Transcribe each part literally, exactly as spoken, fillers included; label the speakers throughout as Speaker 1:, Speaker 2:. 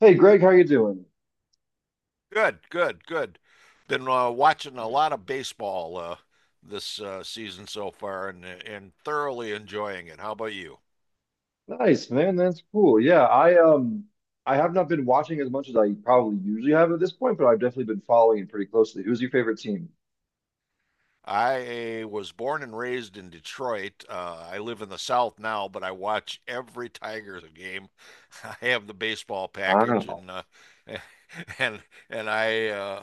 Speaker 1: Hey Greg, how you doing?
Speaker 2: Good, good, good. Been uh, watching a
Speaker 1: Good.
Speaker 2: lot of baseball, uh, this uh, season so far, and and thoroughly enjoying it. How about you?
Speaker 1: Nice, man. That's cool. Yeah, I um I have not been watching as much as I probably usually have at this point, but I've definitely been following it pretty closely. Who's your favorite team?
Speaker 2: I was born and raised in Detroit. Uh, I live in the South now, but I watch every Tigers game. I have the baseball package,
Speaker 1: Wow.
Speaker 2: and uh, and and I uh,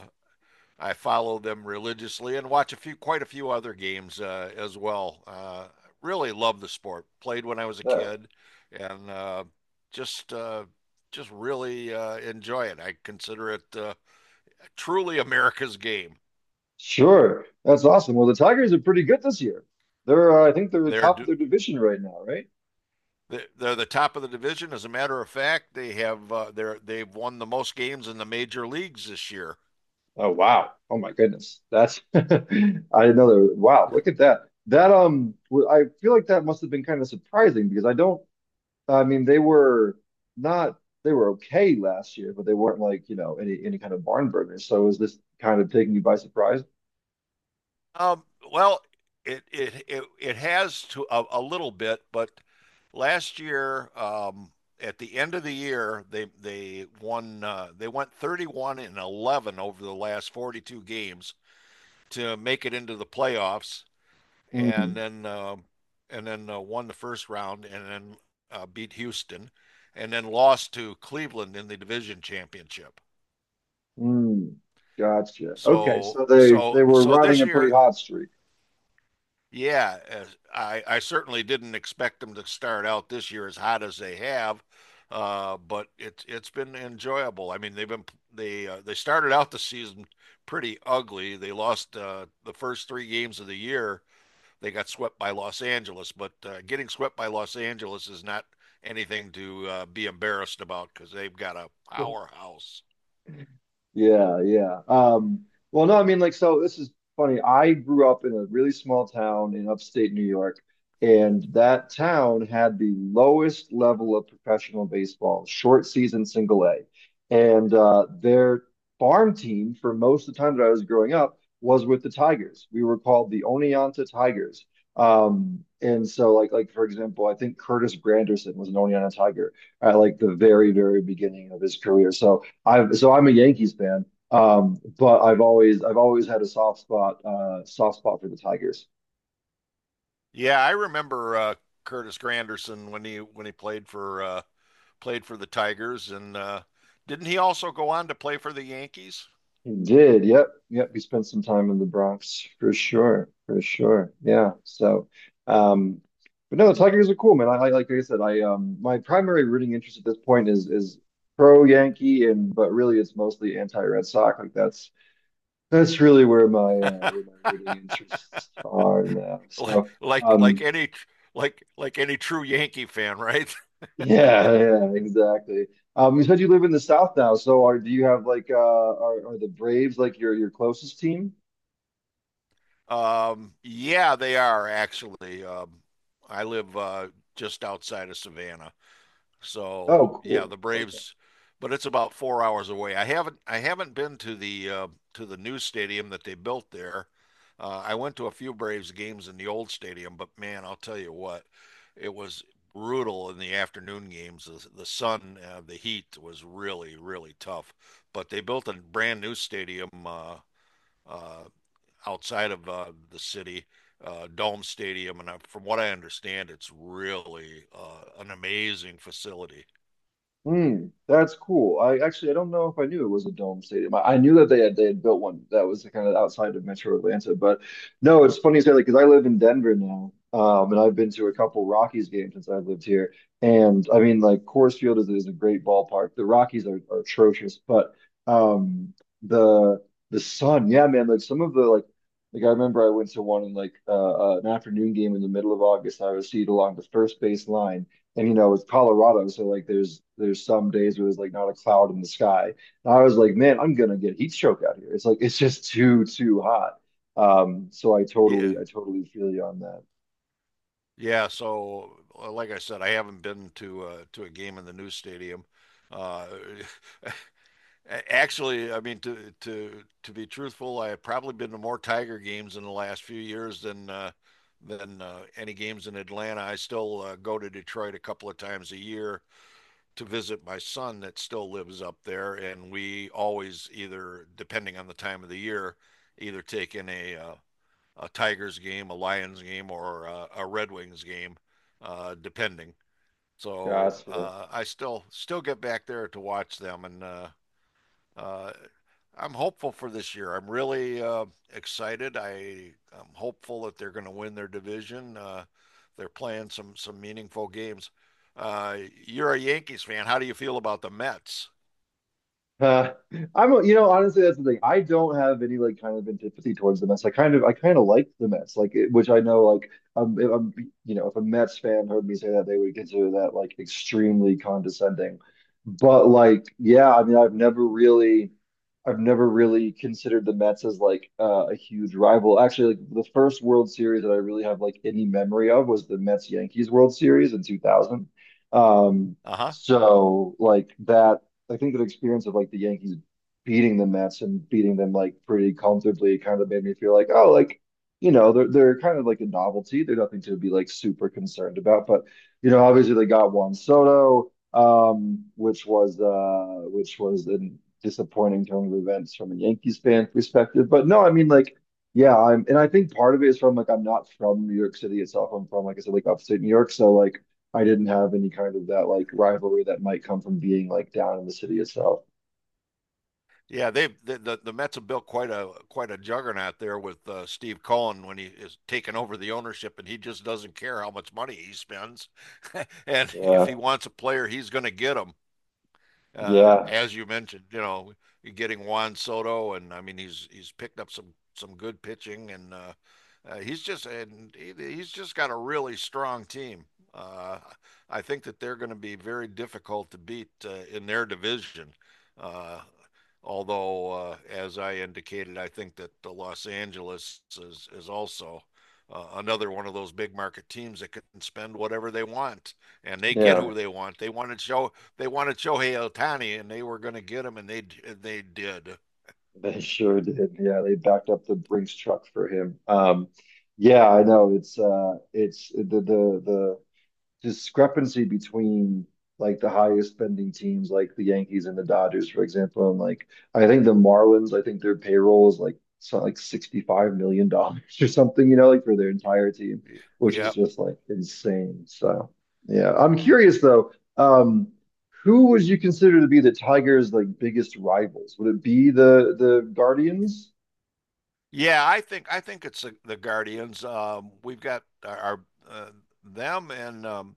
Speaker 2: I follow them religiously and watch a few, quite a few other games uh, as well. Uh, really love the sport. Played when I was a
Speaker 1: Yeah.
Speaker 2: kid, and uh, just uh, just really uh, enjoy it. I consider it uh, truly America's game.
Speaker 1: Sure. That's awesome. Well, the Tigers are pretty good this year. They're uh, I think they're the
Speaker 2: They're
Speaker 1: top of
Speaker 2: do-
Speaker 1: their division right now, right?
Speaker 2: they- are the top of the division. As a matter of fact, they have uh, they're they've won the most games in the major leagues this year.
Speaker 1: Oh wow. Oh my goodness. That's I didn't know that. Wow, look at that. That um w- I feel like that must have been kind of surprising because I don't I mean, they were not they were okay last year, but they weren't like, you know, any any kind of barn burners. So is this kind of taking you by surprise?
Speaker 2: Um, well, it it it it has to a, a little bit, but last year, um, at the end of the year, they they won uh, they went thirty one and eleven over the last forty two games to make it into the playoffs, and
Speaker 1: Mm,
Speaker 2: then um and then uh, won the first round, and then uh, beat Houston, and then lost to Cleveland in the division championship.
Speaker 1: mm, gotcha. Okay,
Speaker 2: So
Speaker 1: so they
Speaker 2: so
Speaker 1: they were
Speaker 2: so
Speaker 1: riding
Speaker 2: this
Speaker 1: a pretty
Speaker 2: year
Speaker 1: hot streak.
Speaker 2: Yeah, as- I, I certainly didn't expect them to start out this year as hot as they have, uh, but it's it's been enjoyable. I mean, they've been they uh, they started out the season pretty ugly. They lost uh, the first three games of the year. They got swept by Los Angeles, but uh, getting swept by Los Angeles is not anything to uh, be embarrassed about because they've got a powerhouse.
Speaker 1: Yeah, yeah. Um, well, no, I mean, like, so this is funny. I grew up in a really small town in upstate New York, and that town had the lowest level of professional baseball, short season single A. And uh, their farm team for most of the time that I was growing up was with the Tigers. We were called the Oneonta Tigers. Um, and so like like for example, I think Curtis Granderson was an Oneonta Tiger at like the very, very beginning of his career. So I've so I'm a Yankees fan, um, but I've always I've always had a soft spot uh, soft spot for the Tigers.
Speaker 2: Yeah, I remember uh, Curtis Granderson when he when he played for uh, played for the Tigers, and uh, didn't he also go on to play for the Yankees?
Speaker 1: He did, yep, yep. He spent some time in the Bronx for sure, for sure. Yeah. So, um, but no, the Tigers are cool, man. I, I like I said, I um my primary rooting interest at this point is is pro Yankee, and but really it's mostly anti-Red Sox. Like that's that's really where my uh, where my rooting interests are now.
Speaker 2: like
Speaker 1: So.
Speaker 2: like like
Speaker 1: Um,
Speaker 2: any like like any true Yankee fan, right?
Speaker 1: Yeah, yeah, exactly. Um, you said you live in the South now, so are do you have like uh are, are the Braves like your your closest team?
Speaker 2: Um, yeah, they are actually. Um, I live uh, just outside of Savannah.
Speaker 1: Oh,
Speaker 2: So yeah,
Speaker 1: cool.
Speaker 2: the
Speaker 1: Okay.
Speaker 2: Braves, but it's about four hours away. I haven't I haven't been to the uh, to the new stadium that they built there. Uh, I went to a few Braves games in the old stadium, but man, I'll tell you what, it was brutal in the afternoon games. The, the sun, uh, the heat was really really tough. But they built a brand new stadium uh, uh, outside of uh, the city. Uh, Dome Stadium, and I, from what I understand, it's really uh, an amazing facility.
Speaker 1: Mm, that's cool. I actually I don't know if I knew it was a dome stadium. I, I knew that they had they had built one that was kind of outside of Metro Atlanta, but no, it's funny you say that because I live in Denver now, um, and I've been to a couple Rockies games since I've lived here, and I mean like Coors Field is, is a great ballpark. The Rockies are, are atrocious, but um, the the Sun, yeah, man, like some of the like like I remember I went to one in like uh, uh, an afternoon game in the middle of August. I was seated along the first base line, and you know it's Colorado, so like there's there's some days where there's like not a cloud in the sky. And I was like, man, I'm gonna get heat stroke out here. It's like it's just too too hot. Um, so I
Speaker 2: Yeah,
Speaker 1: totally I totally feel you on that.
Speaker 2: yeah. So, uh, like I said, I haven't been to uh, to a game in the new stadium. Uh, a- actually, I mean to to to be truthful, I have probably been to more Tiger games in the last few years than uh, than uh, any games in Atlanta. I still uh, go to Detroit a couple of times a year to visit my son that still lives up there, and we always either, depending on the time of the year, either take in a uh, a Tigers game, a Lions game, or a, a Red Wings game, uh, depending. So
Speaker 1: Gotcha.
Speaker 2: uh, I still still get back there to watch them, and uh, uh, I'm hopeful for this year. I'm really uh, excited. I I'm hopeful that they're going to win their division. Uh, they're playing some some meaningful games. Uh, you're a Yankees fan. How do you feel about the Mets?
Speaker 1: Uh, I'm, a- you know, honestly, that's the thing. I don't have any like kind of antipathy towards the Mets. I kind of, I kind of like the Mets, like it, which I know, like, um, if I'm, you know, if a Mets fan heard me say that, they would consider that like extremely condescending. But like, yeah, I mean, I've never really, I've never really considered the Mets as like uh, a huge rival. Actually, like the first World Series that I really have like any memory of was the Mets Yankees World Series in two thousand. Um,
Speaker 2: Uh huh.
Speaker 1: so like that I think the experience of like the Yankees beating the Mets and beating them like pretty comfortably kind of made me feel like, oh, like, you know, they're they're kind of like a novelty. They're nothing to be like super concerned about. But, you know, obviously they got Juan Soto, um, which was uh which was a disappointing turn of events from a Yankees fan perspective. But no, I mean like yeah, I'm and I think part of it is from like I'm not from New York City itself. I'm from, like I said, like upstate New York. So like I didn't have any kind of that like rivalry that might come from being like down in the city itself.
Speaker 2: Yeah, they've the, the the Mets have built quite a quite a juggernaut there with uh, Steve Cohen when he is taking over the ownership, and he just doesn't care how much money he spends, and if
Speaker 1: Yeah,
Speaker 2: he wants a player, he's going to get him uh,
Speaker 1: yeah,
Speaker 2: as you mentioned, you know, getting Juan Soto, and I mean, he's he's picked up some some good pitching, and uh, uh, he's just and he, he's just got a really strong team. Uh, I think that they're going to be very difficult to beat uh, in their division. Uh, Although, uh, as I indicated, I think that the Los Angeles is is also uh, another one of those big market teams that can spend whatever they want, and they get
Speaker 1: yeah.
Speaker 2: who they want. They wanted Shohei they wanted Shohei Otani, and they were going to get him, and they they did.
Speaker 1: They sure did. Yeah, they backed up the Brinks truck for him. Um, yeah, I know. It's uh, it's the the discrepancy between like the highest spending teams like the Yankees and the Dodgers, for example. And like I think the Marlins, I think their payroll is like so like $65 million dollars or something, you know, like for their entire team, which
Speaker 2: Yeah,
Speaker 1: is just like insane. So yeah. I'm curious though, um, who would you consider to be the Tigers' like biggest rivals? Would it be the the Guardians?
Speaker 2: yeah. I think I think it's the, the Guardians. Um, we've got our, our uh, them and um,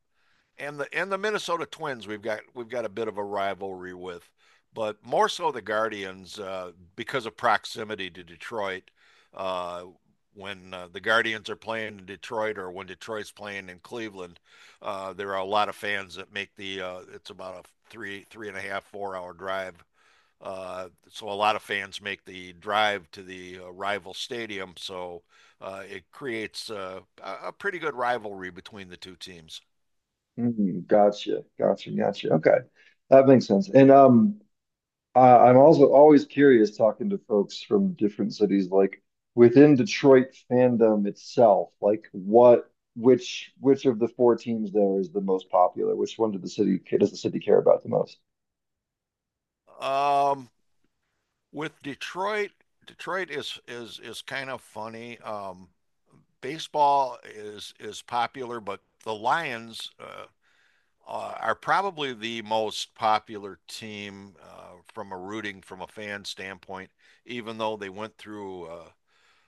Speaker 2: and the and the Minnesota Twins we've got we've got a bit of a rivalry with, but more so the Guardians uh, because of proximity to Detroit. Uh, when uh, the Guardians are playing in Detroit or when Detroit's playing in Cleveland, uh, there are a lot of fans that make the. Uh, it's about a three three and a half four hour drive. Uh, so a lot of fans make the drive to the uh, rival stadium. So uh, it creates uh, a pretty good rivalry between the two teams.
Speaker 1: Mm, gotcha, gotcha, gotcha. Okay. That makes sense. And um Uh, I'm also always curious talking to folks from different cities, like within Detroit fandom itself, like what, which, which of the four teams there is the most popular? Which one did the city, does the city care about the most?
Speaker 2: Um, with Detroit, Detroit is is is kind of funny. Um, baseball is is popular, but the Lions uh, uh, are probably the most popular team uh, from a rooting from a fan standpoint. Even though they went through uh,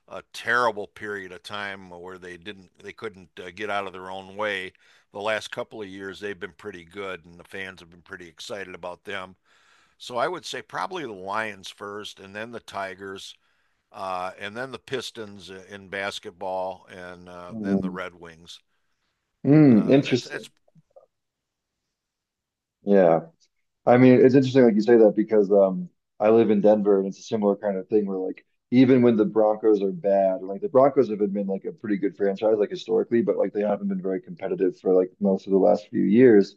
Speaker 2: a terrible period of time where they didn't they couldn't uh, get out of their own way, the last couple of years they've been pretty good, and the fans have been pretty excited about them. So I would say probably the Lions first, and then the Tigers uh, and then the Pistons in basketball, and uh, then the
Speaker 1: Mm.
Speaker 2: Red Wings.
Speaker 1: Mm,
Speaker 2: Uh, that's
Speaker 1: interesting.
Speaker 2: that's
Speaker 1: Yeah. I mean, it's interesting, like you say that because um, I live in Denver and it's a similar kind of thing where, like, even when the Broncos are bad, like the Broncos have been like a pretty good franchise, like historically, but like they haven't been very competitive for like most of the last few years.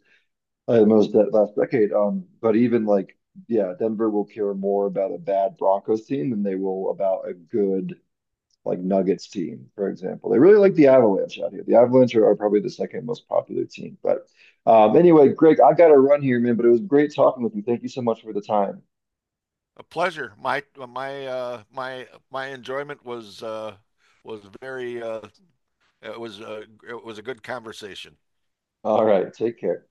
Speaker 1: Most that last decade. Um, but even like, yeah, Denver will care more about a bad Broncos team than they will about a good like Nuggets team, for example. They really like the Avalanche out here. The Avalanche are, are probably the second most popular team. But um, anyway, Greg, I got to run here, man. But it was great talking with you. Thank you so much for the time.
Speaker 2: a pleasure. My my uh, my my enjoyment was uh, was very uh, it was uh, it was a good conversation.
Speaker 1: All right, take care.